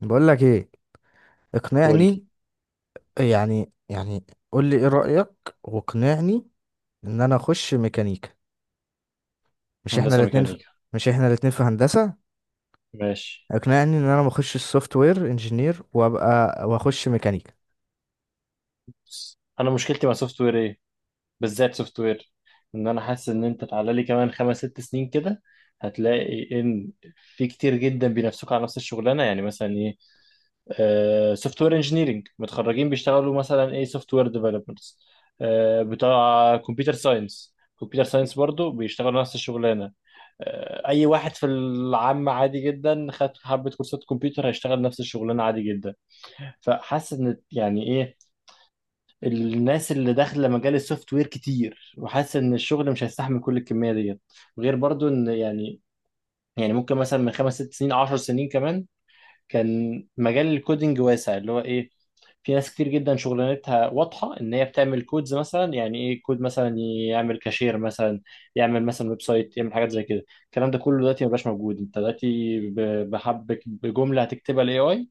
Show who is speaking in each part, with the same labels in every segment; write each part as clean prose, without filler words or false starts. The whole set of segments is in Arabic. Speaker 1: بقول لك ايه،
Speaker 2: قول لي
Speaker 1: اقنعني. يعني يعني قول لي ايه رأيك واقنعني ان انا اخش ميكانيكا. مش احنا
Speaker 2: هندسه
Speaker 1: الاتنين في...
Speaker 2: ميكانيكا.
Speaker 1: مش احنا الاتنين في هندسة؟
Speaker 2: ماشي،
Speaker 1: اقنعني ان انا ما اخش السوفت وير انجينير وابقى واخش ميكانيكا.
Speaker 2: بس انا مشكلتي مع سوفت وير ايه؟ بالذات سوفت وير. ان انا حاسس ان انت تعالى لي كمان خمس ست سنين كده، هتلاقي ان في كتير جدا بينافسوك على نفس الشغلانه. يعني مثلا ايه؟ آه، سوفت وير انجينيرنج متخرجين بيشتغلوا مثلا ايه؟ سوفت وير ديفلوبرز، آه بتاع كمبيوتر ساينس. كمبيوتر ساينس برضو بيشتغلوا نفس الشغلانه. آه، اي واحد في العام عادي جدا خد حبه كورسات كمبيوتر هيشتغل نفس الشغلانه عادي جدا. فحاسس ان يعني ايه، الناس اللي داخله مجال السوفت وير كتير، وحاسس ان الشغل مش هيستحمل كل الكميه ديت. غير برضو ان يعني ممكن مثلا من خمس ست سنين عشر سنين كمان، كان مجال الكودينج واسع، اللي هو ايه؟ في ناس كتير جدا شغلانتها واضحه ان هي بتعمل كودز مثلا. يعني ايه كود مثلا؟ يعمل كاشير مثلا، يعمل مثلا ويب سايت، يعمل حاجات زي كده. الكلام ده كله دلوقتي مبقاش موجود. انت دلوقتي بحبك بجمله هتكتبها الاي اي،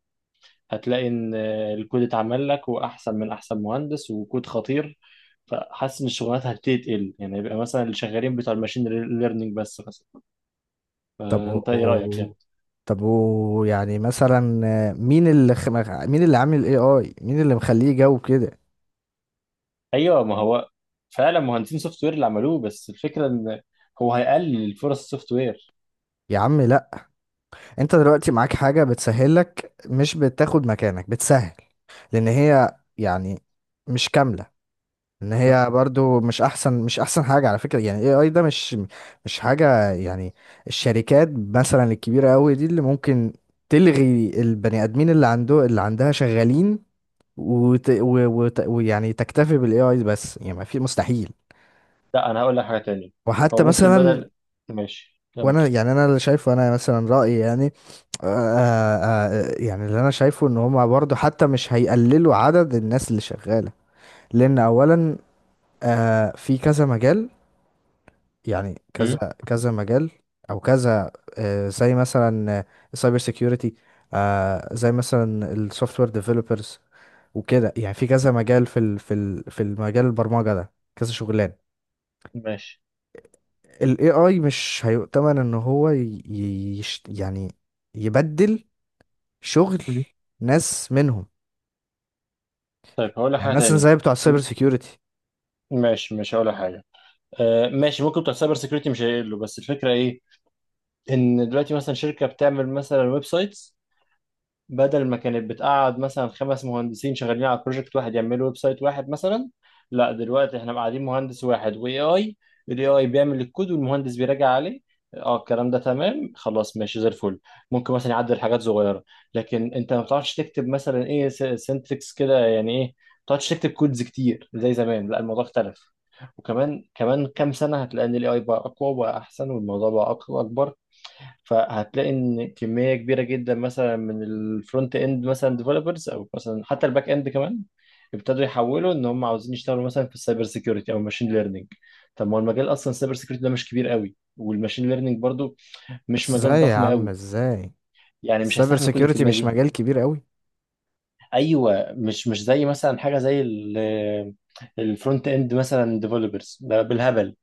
Speaker 2: هتلاقي ان الكود اتعمل لك، واحسن من احسن مهندس، وكود خطير. فحاسس ان الشغلانات هتبتدي تقل. يعني يبقى مثلا اللي شغالين بتوع الماشين ليرنينج بس مثلا.
Speaker 1: طب و...
Speaker 2: فانت ايه رايك
Speaker 1: و-
Speaker 2: يعني؟
Speaker 1: طب و... يعني مثلا آه، مين اللي خ... مين اللي عامل الاي اي؟ مين اللي مخليه جو كده؟
Speaker 2: ايوه، ما هو فعلا مهندسين سوفت وير اللي عملوه، بس الفكره ان هو هيقلل فرص السوفت وير.
Speaker 1: يا عم لا. انت دلوقتي معاك حاجة بتسهلك، مش بتاخد مكانك، بتسهل. لان هي يعني مش كاملة. ان هي برضو مش احسن، مش احسن حاجه على فكره. يعني اي اي ده مش مش حاجه يعني. الشركات مثلا الكبيره قوي دي اللي ممكن تلغي البني ادمين اللي عنده اللي عندها شغالين ويعني تكتفي بالاي اي بس. يعني ما في مستحيل.
Speaker 2: لا، انا هقول لك حاجه تانية. هو
Speaker 1: وحتى
Speaker 2: ممكن
Speaker 1: مثلا
Speaker 2: بدل، ماشي كمل.
Speaker 1: وانا يعني انا اللي شايفه، انا مثلا رايي يعني، آه يعني اللي انا شايفه ان هما برضه حتى مش هيقللوا عدد الناس اللي شغالة. لان اولا آه في كذا مجال، يعني كذا
Speaker 2: مم.
Speaker 1: كذا مجال او كذا. زي مثلا السايبر سيكيورتي، زي مثلا السوفت وير ديفلوبرز، وكده. يعني في كذا مجال، في ال في ال في المجال البرمجة ده كذا شغلان.
Speaker 2: ماشي.
Speaker 1: ال AI مش هيؤتمن ان هو ي- يش يعني يبدل شغل
Speaker 2: مم.
Speaker 1: ناس منهم.
Speaker 2: طيب هقول لك
Speaker 1: يعني
Speaker 2: حاجه
Speaker 1: مثلا
Speaker 2: تانية.
Speaker 1: زي بتوع السايبر
Speaker 2: م-
Speaker 1: سيكيورتي.
Speaker 2: ماشي، مش هقول لك حاجه. آه ماشي، ممكن بتوع سايبر سيكيورتي مش هيقلوا، بس الفكره ايه؟ ان دلوقتي مثلا شركه بتعمل مثلا ويب سايتس، بدل ما كانت بتقعد مثلا خمس مهندسين شغالين على بروجكت واحد يعملوا ويب سايت واحد مثلا، لا دلوقتي احنا قاعدين مهندس واحد واي اي. الاي اي بيعمل الكود والمهندس بيراجع عليه. اه، الكلام ده تمام خلاص، ماشي زي الفل. ممكن مثلا يعدل حاجات صغيره، لكن انت ما بتعرفش تكتب مثلا ايه، سنتكس كده يعني، ايه ما بتعرفش تكتب كودز كتير زي زمان. لا الموضوع اختلف. وكمان كمان كام سنه، هتلاقي ان الاي اي بقى اقوى وبقى احسن، والموضوع بقى اكبر. فهتلاقي ان كميه كبيره جدا مثلا من الفرونت اند مثلا ديفلوبرز، او مثلا حتى الباك اند كمان، ابتدوا يحولوا ان هم عاوزين يشتغلوا مثلا في السايبر سيكيورتي او الماشين ليرنينج. طب ما هو المجال اصلا، السايبر سيكيورتي ده مش كبير قوي، والماشين ليرنينج برضو مش
Speaker 1: بس
Speaker 2: مجال
Speaker 1: ازاي يا
Speaker 2: ضخم
Speaker 1: عم؟
Speaker 2: قوي.
Speaker 1: ازاي
Speaker 2: يعني مش
Speaker 1: السايبر
Speaker 2: هيستحمل كل
Speaker 1: سيكيورتي
Speaker 2: الكميه
Speaker 1: مش
Speaker 2: دي.
Speaker 1: مجال كبير قوي؟
Speaker 2: ايوه، مش زي مثلا حاجه زي ال-، الفرونت اند مثلا ديفلوبرز ده بالهبل،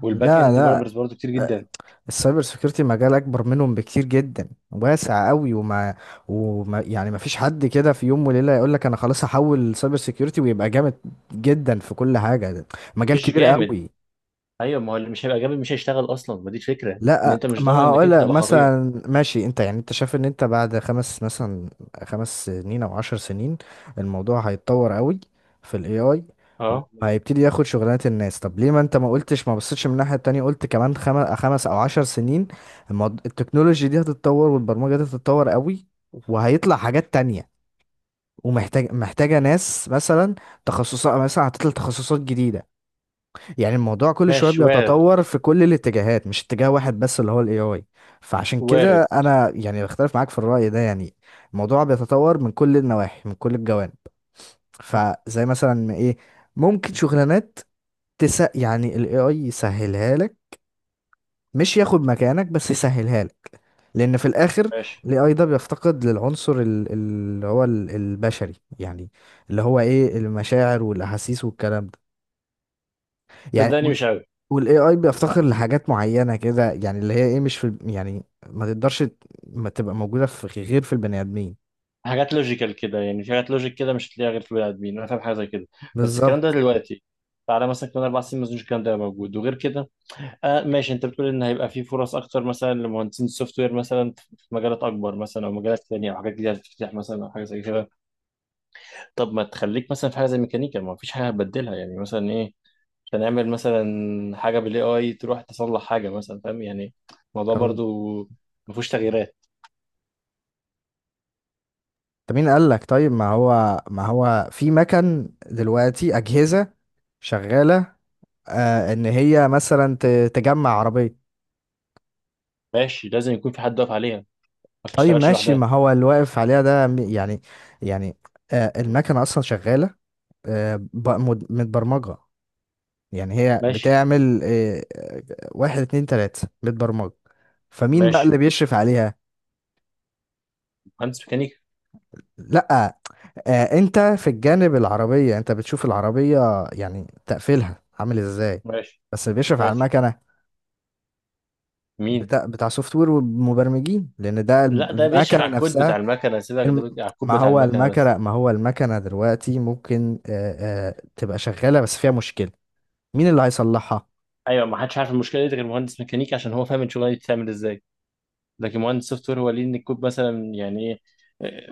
Speaker 2: والباك
Speaker 1: لا
Speaker 2: اند
Speaker 1: لا،
Speaker 2: ديفلوبرز برضو كتير جدا.
Speaker 1: السايبر سيكيورتي مجال اكبر منهم بكتير جدا، واسع قوي. وما, وما يعني ما فيش حد كده في يوم وليله يقول لك انا خلاص هحول سايبر سيكيورتي ويبقى جامد جدا في كل حاجه. ده مجال
Speaker 2: مش
Speaker 1: كبير
Speaker 2: جامد.
Speaker 1: قوي.
Speaker 2: ايوه، ما هو اللي مش هيبقى جامد مش هيشتغل اصلا، ما دي الفكره ان
Speaker 1: لا
Speaker 2: انت مش
Speaker 1: ما
Speaker 2: ضامن انك
Speaker 1: هقول
Speaker 2: انت
Speaker 1: لك
Speaker 2: تبقى خطير.
Speaker 1: مثلا، ماشي. انت يعني انت شايف ان انت بعد خمس مثلا، خمس سنين او عشر سنين، الموضوع هيتطور قوي في الاي اي،
Speaker 2: اه
Speaker 1: وهيبتدي ياخد شغلانات الناس. طب ليه ما انت ما قلتش، ما بصيتش من الناحية التانية؟ قلت كمان خمس او عشر سنين، التكنولوجي دي هتتطور والبرمجة دي هتتطور قوي، وهيطلع حاجات تانية، محتاجة ناس مثلا. تخصصات مثلا، هتطلع تخصصات جديدة. يعني الموضوع كل شويه
Speaker 2: ماشي، وارد.
Speaker 1: بيتطور في كل الاتجاهات، مش اتجاه واحد بس اللي هو الاي اي. فعشان كده
Speaker 2: وارد.
Speaker 1: انا يعني بختلف معاك في الرأي ده يعني. الموضوع بيتطور من كل النواحي، من كل الجوانب. فزي مثلا ايه، ممكن شغلانات، تس يعني الاي اي يسهلها لك، مش ياخد مكانك، بس يسهلها لك. لان في الاخر
Speaker 2: ماشي.
Speaker 1: الاي اي ده بيفتقد للعنصر البشري يعني، اللي هو ايه، المشاعر والاحاسيس والكلام ده يعني.
Speaker 2: صدقني مش قوي.
Speaker 1: والاي اي
Speaker 2: ح-
Speaker 1: بيفتقر لحاجات معينه كده، يعني اللي هي ايه، مش في يعني ما تقدرش ما تبقى موجوده في غير في البني ادمين.
Speaker 2: حاجات لوجيكال كده يعني، في حاجات لوجيك كده مش هتلاقيها غير في البني ادمين، انا فاهم حاجه زي كده. بس الكلام ده
Speaker 1: بالظبط.
Speaker 2: دلوقتي. تعالى مثلا كمان اربع سنين، ما اظنش الكلام ده هيبقى موجود. وغير كده، آه ماشي، انت بتقول ان هيبقى في فرص اكتر مثلا لمهندسين السوفت وير مثلا في مجالات اكبر مثلا، او مجالات ثانيه، او حاجات جديده هتفتح مثلا، او حاجه زي كده. طب ما تخليك مثلا في حاجه زي ميكانيكا، ما فيش حاجه هتبدلها، يعني مثلا إيه؟ عشان اعمل مثلا حاجه بالاي اي تروح تصلح حاجه مثلا، فاهم يعني؟ الموضوع
Speaker 1: طب
Speaker 2: برضو ما فيهوش تغييرات.
Speaker 1: طب مين قال لك؟ طيب ما هو ما هو في مكن دلوقتي اجهزه شغاله آه ان هي مثلا تجمع عربيه.
Speaker 2: ماشي، لازم يكون في حد واقف عليها، ما
Speaker 1: طيب
Speaker 2: بتشتغلش
Speaker 1: ماشي،
Speaker 2: لوحدها.
Speaker 1: ما هو اللي واقف عليها ده يعني يعني المكنه اصلا شغاله، آه متبرمجه. يعني هي
Speaker 2: ماشي.
Speaker 1: بتعمل واحد اتنين تلاتة، بتبرمج. فمين بقى اللي
Speaker 2: ماشي.
Speaker 1: بيشرف عليها؟
Speaker 2: مهندس ميكانيكا.
Speaker 1: لأ، انت في الجانب العربية انت بتشوف العربية يعني تقفيلها عامل ازاي،
Speaker 2: ماشي.
Speaker 1: بس اللي بيشرف على
Speaker 2: ماشي.
Speaker 1: المكنة
Speaker 2: مين؟
Speaker 1: بتاع بتاع سوفت وير ومبرمجين، لان ده
Speaker 2: لا، ده بيشرف
Speaker 1: المكنة
Speaker 2: على الكود بتاع
Speaker 1: نفسها.
Speaker 2: المكنه، سيبك، ده
Speaker 1: الم-
Speaker 2: على الكود
Speaker 1: ما
Speaker 2: بتاع
Speaker 1: هو
Speaker 2: المكنه بس.
Speaker 1: المكنة، ما هو المكنة دلوقتي ممكن تبقى شغالة بس فيها مشكلة، مين اللي هيصلحها؟
Speaker 2: ايوه، ما حدش عارف المشكله دي غير مهندس ميكانيكا، عشان هو فاهم الشغلانه دي بتتعمل ازاي. لكن مهندس سوفت وير هو ليه ان الكود مثلا، يعني ايه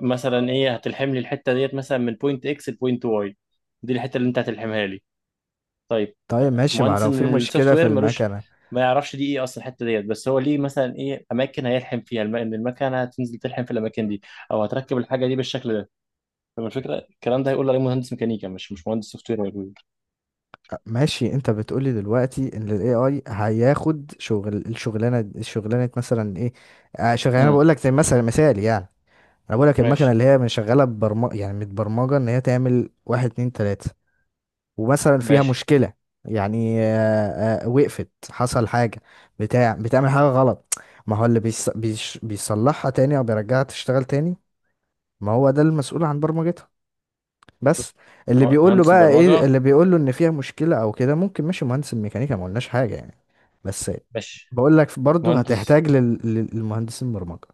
Speaker 2: مثلا، ايه هتلحم لي الحته ديت مثلا من بوينت اكس لبوينت واي؟ دي الحته اللي انت هتلحمها لي. طيب،
Speaker 1: طيب ماشي، ما
Speaker 2: مهندس
Speaker 1: لو في
Speaker 2: من السوفت
Speaker 1: مشكلة في
Speaker 2: وير ملوش،
Speaker 1: المكنة.
Speaker 2: ما يعرفش دي ايه اصلا الحته ديت، بس هو ليه مثلا ايه اماكن هيلحم فيها ان المكنه هتنزل تلحم في الاماكن دي، او هتركب الحاجه دي بالشكل ده. فما الفكره، الكلام ده هيقول عليه مهندس ميكانيكا، مش مهندس سوفت وير هيقول.
Speaker 1: ماشي انت بتقولي دلوقتي ان الاي اي هياخد شغل الشغلانه، الشغلانه مثلا ايه؟ آه، شغلانه
Speaker 2: امم،
Speaker 1: بقول لك زي مثلا مثال يعني، انا بقول لك المكنه
Speaker 2: ماشي.
Speaker 1: اللي هي من شغاله ببرمجه، يعني متبرمجه ان هي تعمل واحد اتنين تلاته، ومثلا فيها
Speaker 2: ماشي.
Speaker 1: مشكله. يعني وقفت، حصل حاجه، بتاع بتعمل حاجه غلط، ما هو اللي بيصلحها تاني او بيرجعها تشتغل تاني؟ ما هو ده المسؤول عن برمجتها، بس. اللي بيقول له
Speaker 2: مهندس
Speaker 1: بقى ايه،
Speaker 2: برمجه.
Speaker 1: اللي بيقول له ان فيها مشكله او كده ممكن ماشي مهندس الميكانيكا، ما قلناش حاجه يعني، بس.
Speaker 2: ماشي.
Speaker 1: بقول لك برضه
Speaker 2: مهندس.
Speaker 1: هتحتاج للمهندسين برمجه.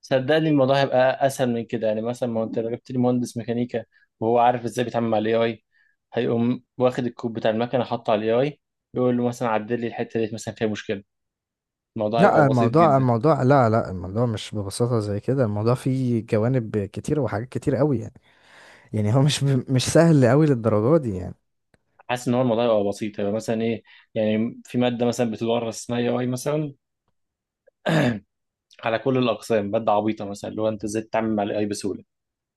Speaker 2: صدقني الموضوع هيبقى اسهل من كده. يعني مثلا، ما انت لو جبت لي مهندس ميكانيكا وهو عارف ازاي بيتعامل مع الاي اي، هيقوم واخد الكود بتاع المكنه حاطه على الاي اي، يقول له مثلا عدل لي الحته ديت مثلا فيها مشكله. الموضوع
Speaker 1: لا
Speaker 2: هيبقى بسيط
Speaker 1: الموضوع
Speaker 2: جدا.
Speaker 1: الموضوع لا لا الموضوع مش ببساطه زي كده، الموضوع فيه جوانب كتير وحاجات كتير قوي يعني. يعني هو مش سهل قوي للدرجه دي يعني.
Speaker 2: حاسس ان هو الموضوع يبقى بسيط، يبقى مثلا ايه، يعني في ماده مثلا بتدرس اسمها اي اي مثلا على كل الاقسام، ماده عبيطه مثلا، اللي هو انت ازاي تتعامل مع الاي اي بسهوله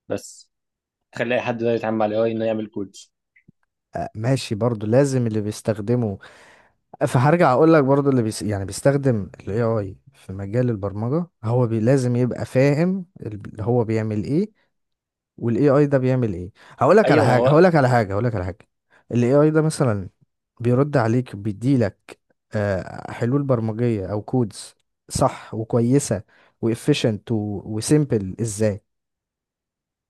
Speaker 2: بس، تخلي اي حد يقدر يتعامل مع الاي اي انه يعمل كودز.
Speaker 1: ماشي برضه لازم اللي بيستخدمه، فهرجع اقول لك برضه يعني بيستخدم الاي اي في مجال البرمجه لازم يبقى فاهم اللي هو بيعمل ايه، والاي اي ده بيعمل ايه.
Speaker 2: ايوه ما هو
Speaker 1: هقول لك على حاجه. الاي اي ده مثلا بيرد عليك، بيديلك حلول برمجيه او كودز صح وكويسه وافيشنت وسيمبل، ازاي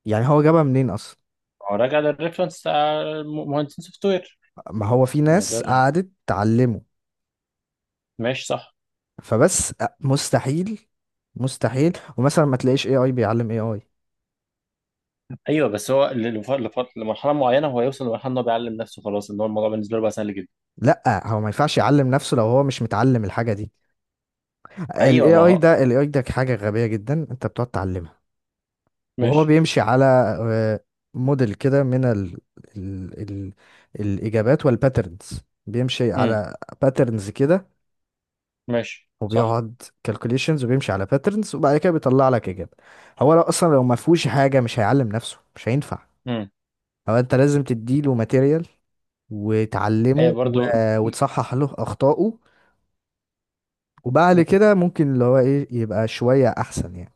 Speaker 1: يعني هو جابها منين اصلا؟
Speaker 2: ما هو راجع للريفرنس بتاع مهندسين سوفت وير.
Speaker 1: ما هو في
Speaker 2: ما هو ده
Speaker 1: ناس قعدت تعلمه.
Speaker 2: ماشي صح.
Speaker 1: فبس مستحيل، مستحيل ومثلا ما تلاقيش اي اي بيعلم اي اي.
Speaker 2: ايوه بس هو لمرحله معينه، هو يوصل لمرحله ان هو بيعلم نفسه خلاص، ان هو الموضوع بالنسبه له بقى سهل جدا.
Speaker 1: لا هو ما ينفعش يعلم نفسه لو هو مش متعلم الحاجه دي.
Speaker 2: ايوه
Speaker 1: الاي
Speaker 2: ما
Speaker 1: اي
Speaker 2: هو.
Speaker 1: ده الاي اي ده حاجه غبيه جدا، انت بتقعد تعلمها. وهو
Speaker 2: ماشي.
Speaker 1: بيمشي على آه، موديل كده من ال الإجابات والباترنز، بيمشي
Speaker 2: امم.
Speaker 1: على باترنز كده،
Speaker 2: ماشي صح.
Speaker 1: وبيقعد كالكوليشنز وبيمشي على باترنز، وبعد كده بيطلع لك إجابة. هو لو أصلا لو ما فيهوش حاجة مش هيعلم نفسه، مش هينفع.
Speaker 2: امم.
Speaker 1: هو أنت لازم تديله ماتيريال
Speaker 2: ايوه
Speaker 1: وتعلمه
Speaker 2: برضو.
Speaker 1: وتصحح له أخطائه، وبعد كده ممكن اللي هو إيه، يبقى شوية أحسن يعني.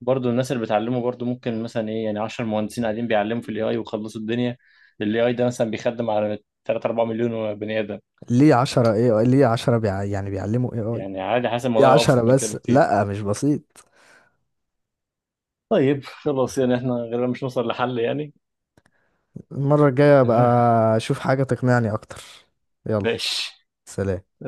Speaker 2: برضو الناس اللي بتعلمه، برضو ممكن مثلا ايه، يعني 10 مهندسين قاعدين بيعلموا في الاي اي وخلصوا الدنيا. الاي اي ده مثلا بيخدم على 3 4 مليون بني ادم.
Speaker 1: ليه عشرة إيه؟ يعني بيعلموا إيه آي؟
Speaker 2: يعني عادي، حاسس
Speaker 1: ليه
Speaker 2: الموضوع يبقى
Speaker 1: عشرة
Speaker 2: ابسط من كده
Speaker 1: بس؟
Speaker 2: بكتير.
Speaker 1: لأ مش بسيط.
Speaker 2: طيب خلاص، يعني احنا غالبا مش نوصل لحل يعني.
Speaker 1: المرة الجاية ابقى اشوف حاجة تقنعني اكتر. يلا،
Speaker 2: ماشي.
Speaker 1: سلام.